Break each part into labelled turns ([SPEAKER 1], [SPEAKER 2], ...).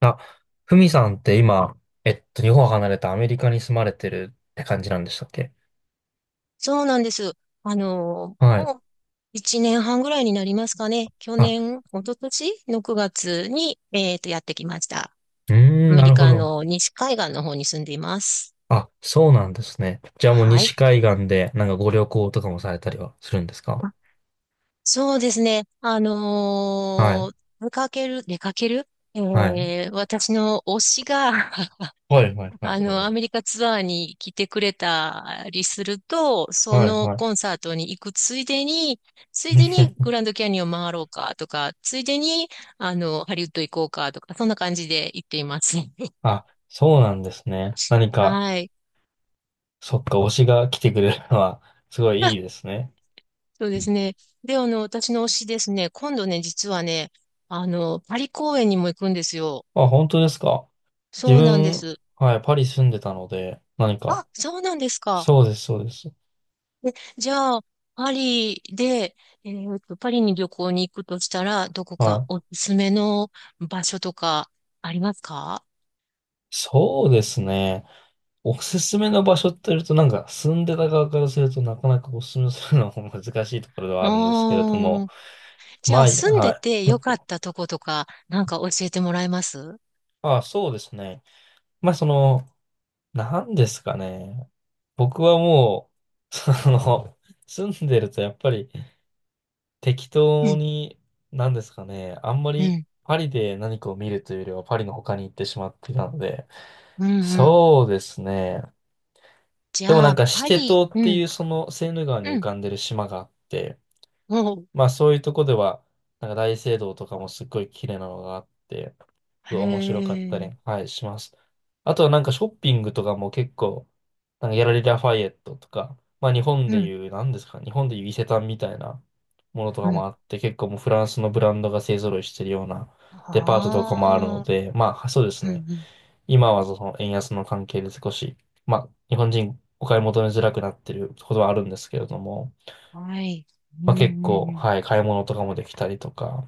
[SPEAKER 1] あ、ふみさんって今、日本を離れたアメリカに住まれてるって感じなんでしたっけ？
[SPEAKER 2] そうなんです。
[SPEAKER 1] はい。
[SPEAKER 2] もう1年半ぐらいになりますかね。
[SPEAKER 1] あ、
[SPEAKER 2] 一昨年の9月に、やってきました。
[SPEAKER 1] うー
[SPEAKER 2] ア
[SPEAKER 1] ん、
[SPEAKER 2] メ
[SPEAKER 1] な
[SPEAKER 2] リ
[SPEAKER 1] るほ
[SPEAKER 2] カ
[SPEAKER 1] ど。
[SPEAKER 2] の西海岸の方に住んでいます。
[SPEAKER 1] あ、そうなんですね。じゃあもう
[SPEAKER 2] は
[SPEAKER 1] 西
[SPEAKER 2] い。
[SPEAKER 1] 海岸でなんかご旅行とかもされたりはするんですか？
[SPEAKER 2] あそうですね。
[SPEAKER 1] はい。
[SPEAKER 2] 出かける
[SPEAKER 1] はい。
[SPEAKER 2] え私の推しが
[SPEAKER 1] はいはいはい。
[SPEAKER 2] アメリカツアーに来てくれたりすると、そ
[SPEAKER 1] はい
[SPEAKER 2] の
[SPEAKER 1] は
[SPEAKER 2] コン
[SPEAKER 1] い。
[SPEAKER 2] サートに行くついでに、グランドキャニオン回ろうかとか、ついでに、ハリウッド行こうかとか、そんな感じで行っています。
[SPEAKER 1] あ、そうなんですね。何か、
[SPEAKER 2] はい。
[SPEAKER 1] そっか、推しが来てくれるのは、すごいいいで すね。
[SPEAKER 2] そう
[SPEAKER 1] う
[SPEAKER 2] です
[SPEAKER 1] ん。
[SPEAKER 2] ね。で、私の推しですね、今度ね、実はね、パリ公演にも行くんですよ。
[SPEAKER 1] あ、本当ですか。
[SPEAKER 2] そ
[SPEAKER 1] 自
[SPEAKER 2] うなんで
[SPEAKER 1] 分、
[SPEAKER 2] す。
[SPEAKER 1] はい、パリ住んでたので、何か、
[SPEAKER 2] あ、そうなんですか。
[SPEAKER 1] そうです、そうです。
[SPEAKER 2] じゃあ、パリで、パリに旅行に行くとしたら、どこか
[SPEAKER 1] はい。
[SPEAKER 2] おすすめの場所とかありますか？
[SPEAKER 1] そうですね。おすすめの場所って言うと、なんか住んでた側からするとなかなかおすすめするのも難しいところでは
[SPEAKER 2] あ
[SPEAKER 1] あるんですけれども、
[SPEAKER 2] あー、じ
[SPEAKER 1] ま
[SPEAKER 2] ゃあ
[SPEAKER 1] あ、い
[SPEAKER 2] 住ん
[SPEAKER 1] は
[SPEAKER 2] で
[SPEAKER 1] い。
[SPEAKER 2] てよかったとことか、なんか教えてもらえます？う
[SPEAKER 1] ああ、そうですね。まあ、その、なんですかね。僕はもう、その、住んでるとやっぱり適当
[SPEAKER 2] ん、
[SPEAKER 1] に、なんですかね。あんま
[SPEAKER 2] う
[SPEAKER 1] り
[SPEAKER 2] ん、
[SPEAKER 1] パリで何かを見るというよりはパリの他に行ってしまっていたので、
[SPEAKER 2] うん、うん。
[SPEAKER 1] そうですね。
[SPEAKER 2] じ
[SPEAKER 1] でもな
[SPEAKER 2] ゃ
[SPEAKER 1] ん
[SPEAKER 2] あ、
[SPEAKER 1] かシ
[SPEAKER 2] パ
[SPEAKER 1] テ
[SPEAKER 2] リ、
[SPEAKER 1] 島っ
[SPEAKER 2] う
[SPEAKER 1] てい
[SPEAKER 2] ん、
[SPEAKER 1] うそのセーヌ川に浮
[SPEAKER 2] うん、
[SPEAKER 1] かんでる島があって、
[SPEAKER 2] おう、
[SPEAKER 1] まあそういうとこでは、なんか大聖堂とかもすっごい綺麗なのがあって、すご
[SPEAKER 2] へ
[SPEAKER 1] い面白かったり、
[SPEAKER 2] え、
[SPEAKER 1] はい、します。あとはなんかショッピングとかも結構、なんかギャラリー・ラファイエットとか、まあ日本
[SPEAKER 2] う
[SPEAKER 1] で
[SPEAKER 2] ん、
[SPEAKER 1] いう、なんですか、日本でいう伊勢丹みたいなものと
[SPEAKER 2] う
[SPEAKER 1] かも
[SPEAKER 2] ん。
[SPEAKER 1] あって、結構もうフランスのブランドが勢揃いしてるようなデパートとかもあるの
[SPEAKER 2] ああ、
[SPEAKER 1] で、まあそうです
[SPEAKER 2] う
[SPEAKER 1] ね。
[SPEAKER 2] ん、うん、
[SPEAKER 1] 今はその円安の関係で少し、まあ、日本人お買い求めづらくなってることはあるんですけれども、
[SPEAKER 2] はい、うん、
[SPEAKER 1] まあ、結
[SPEAKER 2] うん、
[SPEAKER 1] 構、
[SPEAKER 2] うん。
[SPEAKER 1] はい、買い物とかもできたりとか、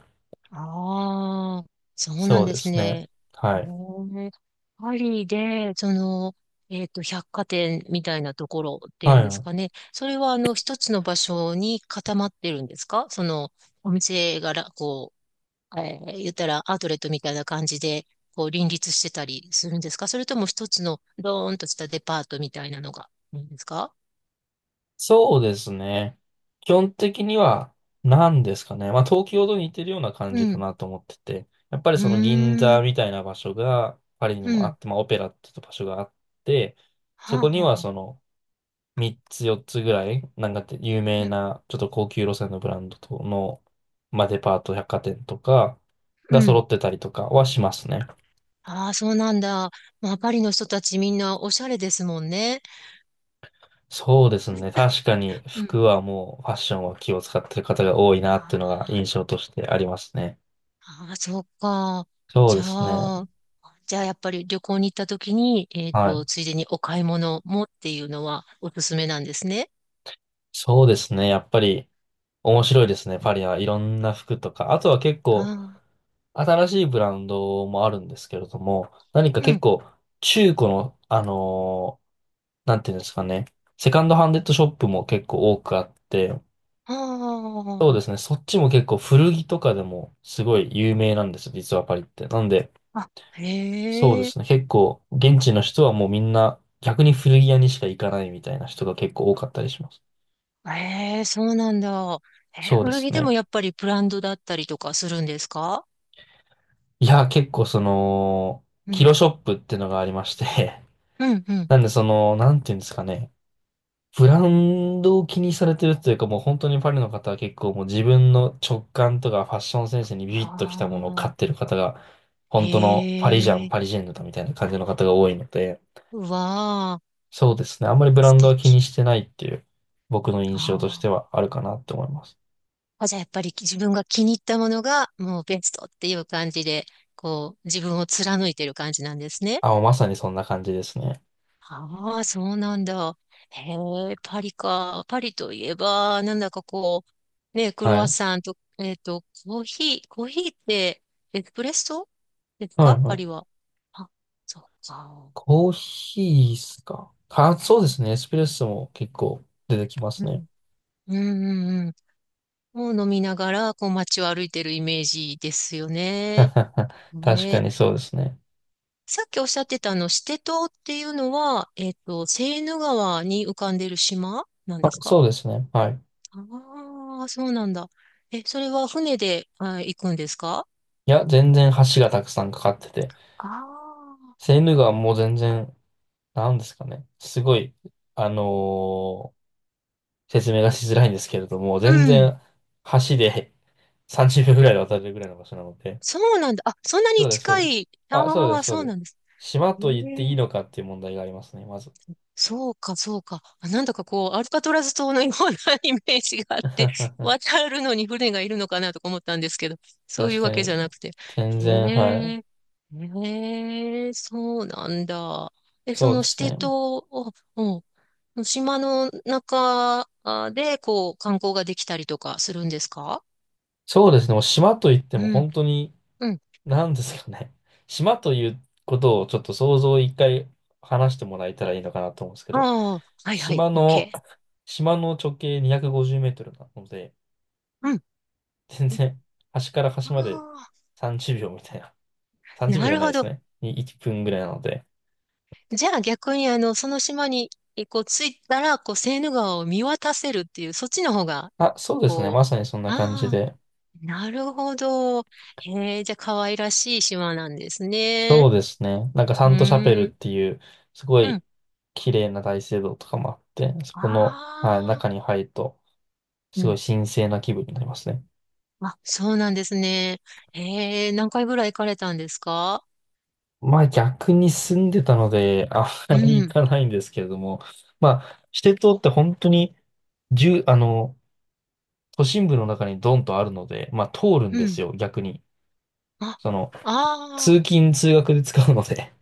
[SPEAKER 2] ああ、そうな
[SPEAKER 1] そ
[SPEAKER 2] ん
[SPEAKER 1] う
[SPEAKER 2] で
[SPEAKER 1] で
[SPEAKER 2] す
[SPEAKER 1] すね。
[SPEAKER 2] ね。へ
[SPEAKER 1] はい。
[SPEAKER 2] え。パリで、百貨店みたいなところってい
[SPEAKER 1] は
[SPEAKER 2] うんです
[SPEAKER 1] い。
[SPEAKER 2] かね。それは、一つの場所に固まってるんですか？その、お店がら、言ったらアウトレットみたいな感じで、林立してたりするんですか？それとも一つの、ドーンとしたデパートみたいなのがいいんですか？
[SPEAKER 1] そうですね。基本的には、何ですかね。まあ、東京と似てるような感じ
[SPEAKER 2] う
[SPEAKER 1] か
[SPEAKER 2] ん。
[SPEAKER 1] なと思ってて、やっぱり
[SPEAKER 2] う
[SPEAKER 1] その銀
[SPEAKER 2] ー
[SPEAKER 1] 座
[SPEAKER 2] ん。
[SPEAKER 1] みたいな場所がパリに
[SPEAKER 2] う
[SPEAKER 1] もあ
[SPEAKER 2] ん。
[SPEAKER 1] って、まあ、オペラっていう場所があって、
[SPEAKER 2] は
[SPEAKER 1] そ
[SPEAKER 2] あ、
[SPEAKER 1] こ
[SPEAKER 2] は
[SPEAKER 1] には
[SPEAKER 2] あは
[SPEAKER 1] そ
[SPEAKER 2] あ
[SPEAKER 1] の、3つ4つぐらい、なんかって有名
[SPEAKER 2] うん。
[SPEAKER 1] な、ちょっと高級路線のブランドとの、まあ、デパート百貨店とか
[SPEAKER 2] う
[SPEAKER 1] が揃
[SPEAKER 2] ん。
[SPEAKER 1] ってたりとかはしますね。
[SPEAKER 2] ああ、そうなんだ。まあ、パリの人たちみんなおしゃれですもんね。
[SPEAKER 1] そうですね。確かに
[SPEAKER 2] うん。
[SPEAKER 1] 服はもうファッションは気を使ってる方が多い
[SPEAKER 2] あ
[SPEAKER 1] なっていうのが
[SPEAKER 2] ー
[SPEAKER 1] 印象としてありますね。
[SPEAKER 2] あー、そうか。
[SPEAKER 1] そう
[SPEAKER 2] じ
[SPEAKER 1] で
[SPEAKER 2] ゃ
[SPEAKER 1] すね。
[SPEAKER 2] あ、やっぱり旅行に行った時に、
[SPEAKER 1] はい。
[SPEAKER 2] ついでにお買い物もっていうのはおすすめなんですね。
[SPEAKER 1] そうですね。やっぱり面白いですね。パリはいろんな服とか。あとは結構
[SPEAKER 2] あ
[SPEAKER 1] 新しいブランドもあるんですけれども、何か
[SPEAKER 2] あ、う
[SPEAKER 1] 結
[SPEAKER 2] ん。
[SPEAKER 1] 構中古の、ーなんていうんですかね。セカンドハンデッドショップも結構多くあって、そう
[SPEAKER 2] あ
[SPEAKER 1] ですね。そっちも結構古着とかでもすごい有名なんですよ。実はパリって。なんで、
[SPEAKER 2] あ、あ、
[SPEAKER 1] そうで
[SPEAKER 2] へえ、
[SPEAKER 1] すね。結構現地の人はもうみんな逆に古着屋にしか行かないみたいな人が結構多かったりします。
[SPEAKER 2] へえ、そうなんだ。
[SPEAKER 1] そうで
[SPEAKER 2] 古
[SPEAKER 1] す
[SPEAKER 2] 着でも
[SPEAKER 1] ね。
[SPEAKER 2] やっぱりブランドだったりとかするんですか？
[SPEAKER 1] いや、結構その、
[SPEAKER 2] う
[SPEAKER 1] キロ
[SPEAKER 2] ん、
[SPEAKER 1] ショップってのがありまして。
[SPEAKER 2] うん、う ん。
[SPEAKER 1] なんでその、なんていうんですかね。ブランドを気にされてるというか、もう本当にパリの方は結構もう自分の直感とかファッションセンスにビ
[SPEAKER 2] あ
[SPEAKER 1] ビッときたものを買って
[SPEAKER 2] あ、
[SPEAKER 1] る方が、
[SPEAKER 2] へ
[SPEAKER 1] 本当のパリジャン、パリ
[SPEAKER 2] え、
[SPEAKER 1] ジェンヌだみたいな感じの方が多いので、
[SPEAKER 2] うわあ。
[SPEAKER 1] そうですね。あんまりブラ
[SPEAKER 2] 素
[SPEAKER 1] ンドは気
[SPEAKER 2] 敵。
[SPEAKER 1] にしてないっていう僕の印
[SPEAKER 2] あ
[SPEAKER 1] 象として
[SPEAKER 2] あ。
[SPEAKER 1] はあるかなって思います。
[SPEAKER 2] じゃあやっぱり自分が気に入ったものがもうベストっていう感じで、こう自分を貫いてる感じなんですね。
[SPEAKER 1] あ、もうまさにそんな感じですね。
[SPEAKER 2] ああ、そうなんだ。へえ、パリか。パリといえば、なんだかこう、ね、クロ
[SPEAKER 1] は
[SPEAKER 2] ワッ
[SPEAKER 1] い。
[SPEAKER 2] サンと、コーヒーってエスプレッソです
[SPEAKER 1] は
[SPEAKER 2] か
[SPEAKER 1] いは
[SPEAKER 2] パリ
[SPEAKER 1] い。
[SPEAKER 2] は？あ、そうか。
[SPEAKER 1] コーヒーっすか。か、そうですね。エスプレッソも結構出てきま
[SPEAKER 2] う
[SPEAKER 1] すね。
[SPEAKER 2] ん。うんうんうん。を飲みながら、こう街を歩いてるイメージですよね。
[SPEAKER 1] 確か
[SPEAKER 2] ね、
[SPEAKER 1] にそうですね。
[SPEAKER 2] さっきおっしゃってたシテ島っていうのは、セーヌ川に浮かんでる島なん
[SPEAKER 1] あ、
[SPEAKER 2] ですか？
[SPEAKER 1] そうですね。はい。
[SPEAKER 2] ああー、そうなんだ。え、それは船で、あ、行くんですか？
[SPEAKER 1] いや、全然橋がたくさんかかってて、
[SPEAKER 2] あ
[SPEAKER 1] セーヌ川も全然、なんですかね。すごい、あのー説明がしづらいんですけれども、
[SPEAKER 2] あー、
[SPEAKER 1] 全
[SPEAKER 2] うん。
[SPEAKER 1] 然橋で 30秒ぐらいで渡れるぐらいの場所なので。
[SPEAKER 2] そうなんだ。あ、そんな
[SPEAKER 1] そ
[SPEAKER 2] に
[SPEAKER 1] うです、そう
[SPEAKER 2] 近
[SPEAKER 1] です。
[SPEAKER 2] い。
[SPEAKER 1] あ、そうで
[SPEAKER 2] ああ、
[SPEAKER 1] す、そう
[SPEAKER 2] そう
[SPEAKER 1] です。
[SPEAKER 2] なんです。
[SPEAKER 1] 島
[SPEAKER 2] へ
[SPEAKER 1] と言っていい
[SPEAKER 2] え、
[SPEAKER 1] のかっていう問題がありますね、まず。
[SPEAKER 2] そうか、そうか。なんだかこう、アルカトラズ島のような イメージがあっ て、渡るのに船がいるのかなとか思ったんですけど、そうい
[SPEAKER 1] 確
[SPEAKER 2] う
[SPEAKER 1] か
[SPEAKER 2] わけじ
[SPEAKER 1] に。
[SPEAKER 2] ゃなくて。
[SPEAKER 1] 全
[SPEAKER 2] へ
[SPEAKER 1] 然、は
[SPEAKER 2] え、
[SPEAKER 1] い。
[SPEAKER 2] へえ、そうなんだ。え、そ
[SPEAKER 1] そう
[SPEAKER 2] の
[SPEAKER 1] で
[SPEAKER 2] シ
[SPEAKER 1] す
[SPEAKER 2] テ
[SPEAKER 1] ね。
[SPEAKER 2] 島を、うん、島の中で、こう、観光ができたりとかするんですか？
[SPEAKER 1] そうですね。もう島といっても
[SPEAKER 2] うん、
[SPEAKER 1] 本当に
[SPEAKER 2] うん。
[SPEAKER 1] なんですかね。島ということをちょっと想像を一回話してもらえたらいいのかなと思うんですけ
[SPEAKER 2] あ
[SPEAKER 1] ど、
[SPEAKER 2] あ、はいはい、
[SPEAKER 1] 島
[SPEAKER 2] オッ
[SPEAKER 1] の、
[SPEAKER 2] ケ
[SPEAKER 1] 島の直径250メートルなので、
[SPEAKER 2] ー。うん。
[SPEAKER 1] 全然端から
[SPEAKER 2] あ
[SPEAKER 1] 端まで
[SPEAKER 2] あ、
[SPEAKER 1] 30秒みたいな。30
[SPEAKER 2] な
[SPEAKER 1] 秒じゅう
[SPEAKER 2] る
[SPEAKER 1] びょう
[SPEAKER 2] ほ
[SPEAKER 1] じ
[SPEAKER 2] ど。
[SPEAKER 1] ゃないですね。に1分ぐらいなので。
[SPEAKER 2] じゃあ逆にその島に、こう、着いたら、こう、セーヌ川を見渡せるっていう、そっちの方が、
[SPEAKER 1] あ、そうですね。
[SPEAKER 2] こ
[SPEAKER 1] まさにそん
[SPEAKER 2] う、
[SPEAKER 1] な感じ
[SPEAKER 2] ああ、
[SPEAKER 1] で。
[SPEAKER 2] なるほど。へえ、じゃあ可愛らしい島なんですね。
[SPEAKER 1] そうですね。なんかサ
[SPEAKER 2] う
[SPEAKER 1] ントシャペル
[SPEAKER 2] ー
[SPEAKER 1] っ
[SPEAKER 2] ん、
[SPEAKER 1] ていう、すご
[SPEAKER 2] う
[SPEAKER 1] い
[SPEAKER 2] ん。
[SPEAKER 1] 綺麗な大聖堂とかもあって、そこの、はい、
[SPEAKER 2] ああ、
[SPEAKER 1] 中に入ると、
[SPEAKER 2] う
[SPEAKER 1] すごい
[SPEAKER 2] ん。
[SPEAKER 1] 神聖な気分になりますね。
[SPEAKER 2] あ、そうなんですね。へえ、何回ぐらい行かれたんですか？
[SPEAKER 1] まあ逆に住んでたので、あま
[SPEAKER 2] う
[SPEAKER 1] り行
[SPEAKER 2] ん、
[SPEAKER 1] かないんですけれども、まあ、シテ島って本当に、住あの、都心部の中にドンとあるので、まあ通るん
[SPEAKER 2] う
[SPEAKER 1] で
[SPEAKER 2] ん。
[SPEAKER 1] すよ、逆に。
[SPEAKER 2] あ、
[SPEAKER 1] その、
[SPEAKER 2] ああ、
[SPEAKER 1] 通勤通学で使うので、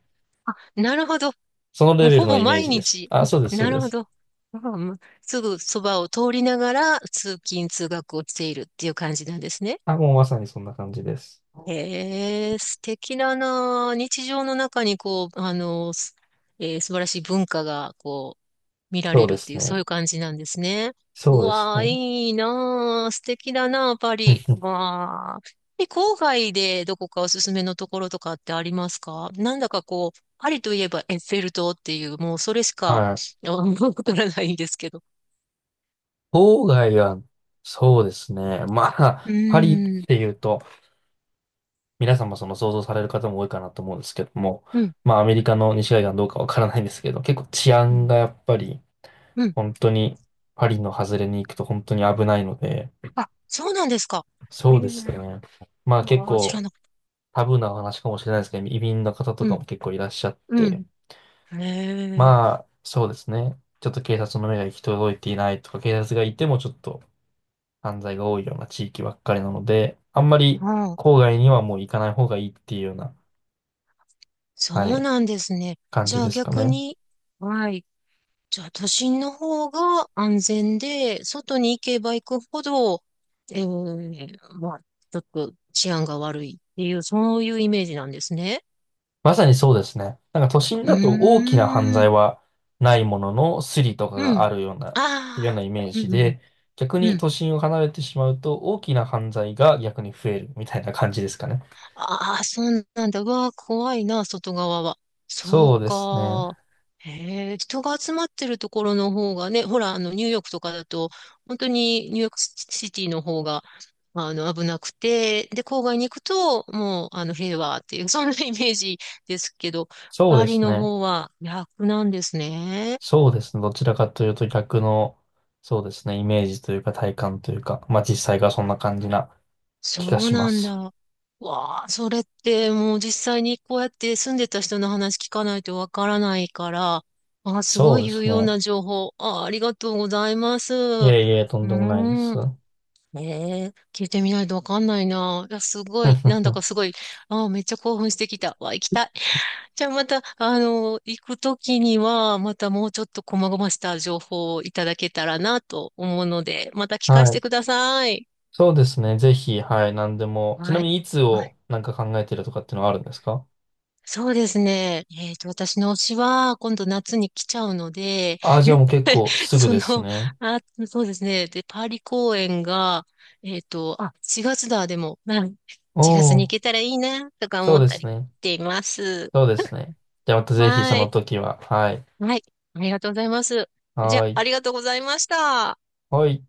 [SPEAKER 2] なるほど。
[SPEAKER 1] その
[SPEAKER 2] も
[SPEAKER 1] レ
[SPEAKER 2] う
[SPEAKER 1] ベル
[SPEAKER 2] ほ
[SPEAKER 1] の
[SPEAKER 2] ぼ
[SPEAKER 1] イメー
[SPEAKER 2] 毎
[SPEAKER 1] ジです。
[SPEAKER 2] 日。
[SPEAKER 1] あ、そうです、そ
[SPEAKER 2] な
[SPEAKER 1] うで
[SPEAKER 2] るほ
[SPEAKER 1] す。
[SPEAKER 2] ど。ああ、まあすぐそばを通りながら通勤通学をしているっていう感じなんですね。
[SPEAKER 1] あ、もうまさにそんな感じです。
[SPEAKER 2] へえ、素敵だなあ。日常の中にこう、すえー素晴らしい文化が見ら
[SPEAKER 1] そ
[SPEAKER 2] れ
[SPEAKER 1] う
[SPEAKER 2] る
[SPEAKER 1] で
[SPEAKER 2] って
[SPEAKER 1] す
[SPEAKER 2] いう、そうい
[SPEAKER 1] ね。
[SPEAKER 2] う感じなんですね。う
[SPEAKER 1] そうです
[SPEAKER 2] わー、
[SPEAKER 1] ね。
[SPEAKER 2] いいなー、素敵だなー、パ
[SPEAKER 1] うん
[SPEAKER 2] リ。
[SPEAKER 1] うん。
[SPEAKER 2] わー。え、郊外でどこかおすすめのところとかってありますか？なんだかこう、パリといえばエッフェル塔っていう、もうそれしか、
[SPEAKER 1] はい。
[SPEAKER 2] わからないんですけど。
[SPEAKER 1] 郊外は、そうですね。ま
[SPEAKER 2] う
[SPEAKER 1] あ、パリっ
[SPEAKER 2] ーん、
[SPEAKER 1] ていうと、皆さんもその想像される方も多いかなと思うんですけども、
[SPEAKER 2] うん、
[SPEAKER 1] まあアメリカの西海岸どうかわからないんですけど、結構治
[SPEAKER 2] う
[SPEAKER 1] 安
[SPEAKER 2] ん、
[SPEAKER 1] がやっぱり
[SPEAKER 2] うん。
[SPEAKER 1] 本当にパリの外れに行くと本当に危ないので、
[SPEAKER 2] あ、そうなんですか。へ
[SPEAKER 1] そう
[SPEAKER 2] え。
[SPEAKER 1] ですね。まあ結
[SPEAKER 2] ああ、知ら
[SPEAKER 1] 構
[SPEAKER 2] なかっ
[SPEAKER 1] タブーな話かもしれないですけど、移民の方
[SPEAKER 2] た。
[SPEAKER 1] と
[SPEAKER 2] う
[SPEAKER 1] か
[SPEAKER 2] ん、
[SPEAKER 1] も結構いらっしゃっ
[SPEAKER 2] うん。
[SPEAKER 1] て、
[SPEAKER 2] へえ。
[SPEAKER 1] まあそうですね。ちょっと警察の目が行き届いていないとか、警察がいてもちょっと犯罪が多いような地域ばっかりなので、あんまり
[SPEAKER 2] ああ、
[SPEAKER 1] 郊外にはもう行かない方がいいっていうような、は
[SPEAKER 2] そう
[SPEAKER 1] い、
[SPEAKER 2] なんですね。
[SPEAKER 1] 感
[SPEAKER 2] じ
[SPEAKER 1] じ
[SPEAKER 2] ゃあ
[SPEAKER 1] ですか
[SPEAKER 2] 逆
[SPEAKER 1] ね。
[SPEAKER 2] に、はい。じゃあ、都心の方が安全で、外に行けば行くほど、まあ、ちょっと治安が悪いっていう、そういうイメージなんですね。
[SPEAKER 1] まさにそうですね。なんか都心
[SPEAKER 2] う
[SPEAKER 1] だと大きな犯
[SPEAKER 2] ー
[SPEAKER 1] 罪
[SPEAKER 2] ん。
[SPEAKER 1] はないもののスリとか
[SPEAKER 2] う
[SPEAKER 1] が
[SPEAKER 2] ん。
[SPEAKER 1] あるような、いうよう
[SPEAKER 2] ああ。
[SPEAKER 1] なイメー
[SPEAKER 2] う
[SPEAKER 1] ジ
[SPEAKER 2] ん、うん、
[SPEAKER 1] で、逆
[SPEAKER 2] う
[SPEAKER 1] に
[SPEAKER 2] ん。
[SPEAKER 1] 都心を離れてしまうと大きな犯罪が逆に増えるみたいな感じですかね。
[SPEAKER 2] ああ、そうなんだ。うわあ、怖いな、外側は。そ
[SPEAKER 1] そう
[SPEAKER 2] う
[SPEAKER 1] ですね。
[SPEAKER 2] か。へえ、人が集まってるところの方がね、ほら、ニューヨークとかだと、本当にニューヨークシティの方が、まあ、危なくて、で、郊外に行くと、もう、平和っていう、そんなイメージですけど、
[SPEAKER 1] そう
[SPEAKER 2] パ
[SPEAKER 1] で
[SPEAKER 2] リ
[SPEAKER 1] す
[SPEAKER 2] の
[SPEAKER 1] ね。
[SPEAKER 2] 方は逆なんですね。
[SPEAKER 1] そうですね。どちらかというと逆の、そうですね。イメージというか体感というか、まあ実際がそんな感じな
[SPEAKER 2] そ
[SPEAKER 1] 気が
[SPEAKER 2] う
[SPEAKER 1] しま
[SPEAKER 2] なん
[SPEAKER 1] す。
[SPEAKER 2] だ。わあ、それってもう実際にこうやって住んでた人の話聞かないとわからないから、あ、すご
[SPEAKER 1] そう
[SPEAKER 2] い
[SPEAKER 1] で
[SPEAKER 2] 有
[SPEAKER 1] す
[SPEAKER 2] 用
[SPEAKER 1] ね。
[SPEAKER 2] な情報。あ、ありがとうございます。
[SPEAKER 1] い
[SPEAKER 2] う
[SPEAKER 1] えいえ、とん
[SPEAKER 2] ー
[SPEAKER 1] でもないです。
[SPEAKER 2] ん。
[SPEAKER 1] は
[SPEAKER 2] ええ、聞いてみないとわかんないな。いや、すごい、なんだかすごい、あ、めっちゃ興奮してきた。わ、行きたい。じゃあまた、行くときには、またもうちょっと細々した情報をいただけたらなと思うので、また聞かせて
[SPEAKER 1] い。
[SPEAKER 2] ください。
[SPEAKER 1] そうですね。ぜひ、はい、何でも。ちな
[SPEAKER 2] は
[SPEAKER 1] み
[SPEAKER 2] い。
[SPEAKER 1] に、いつをなんか考えてるとかっていうのはあるんですか？
[SPEAKER 2] そうですね。私の推しは、今度夏に来ちゃうので、
[SPEAKER 1] ああ、じゃあもう 結構すぐ
[SPEAKER 2] そ
[SPEAKER 1] で
[SPEAKER 2] の、
[SPEAKER 1] すね。
[SPEAKER 2] あ、そうですね。で、パーリ公演が、あ、4月だ、でも、うん
[SPEAKER 1] お
[SPEAKER 2] 月に行
[SPEAKER 1] お、
[SPEAKER 2] けたらいいな、とか
[SPEAKER 1] そ
[SPEAKER 2] 思
[SPEAKER 1] う
[SPEAKER 2] っ
[SPEAKER 1] で
[SPEAKER 2] た
[SPEAKER 1] す
[SPEAKER 2] りし
[SPEAKER 1] ね。
[SPEAKER 2] ています。
[SPEAKER 1] そうですね。じゃあまたぜひそ
[SPEAKER 2] は
[SPEAKER 1] の
[SPEAKER 2] い。
[SPEAKER 1] 時は、はい。
[SPEAKER 2] はい。ありがとうございます。じゃあ、
[SPEAKER 1] はい。
[SPEAKER 2] ありがとうございました。
[SPEAKER 1] はい。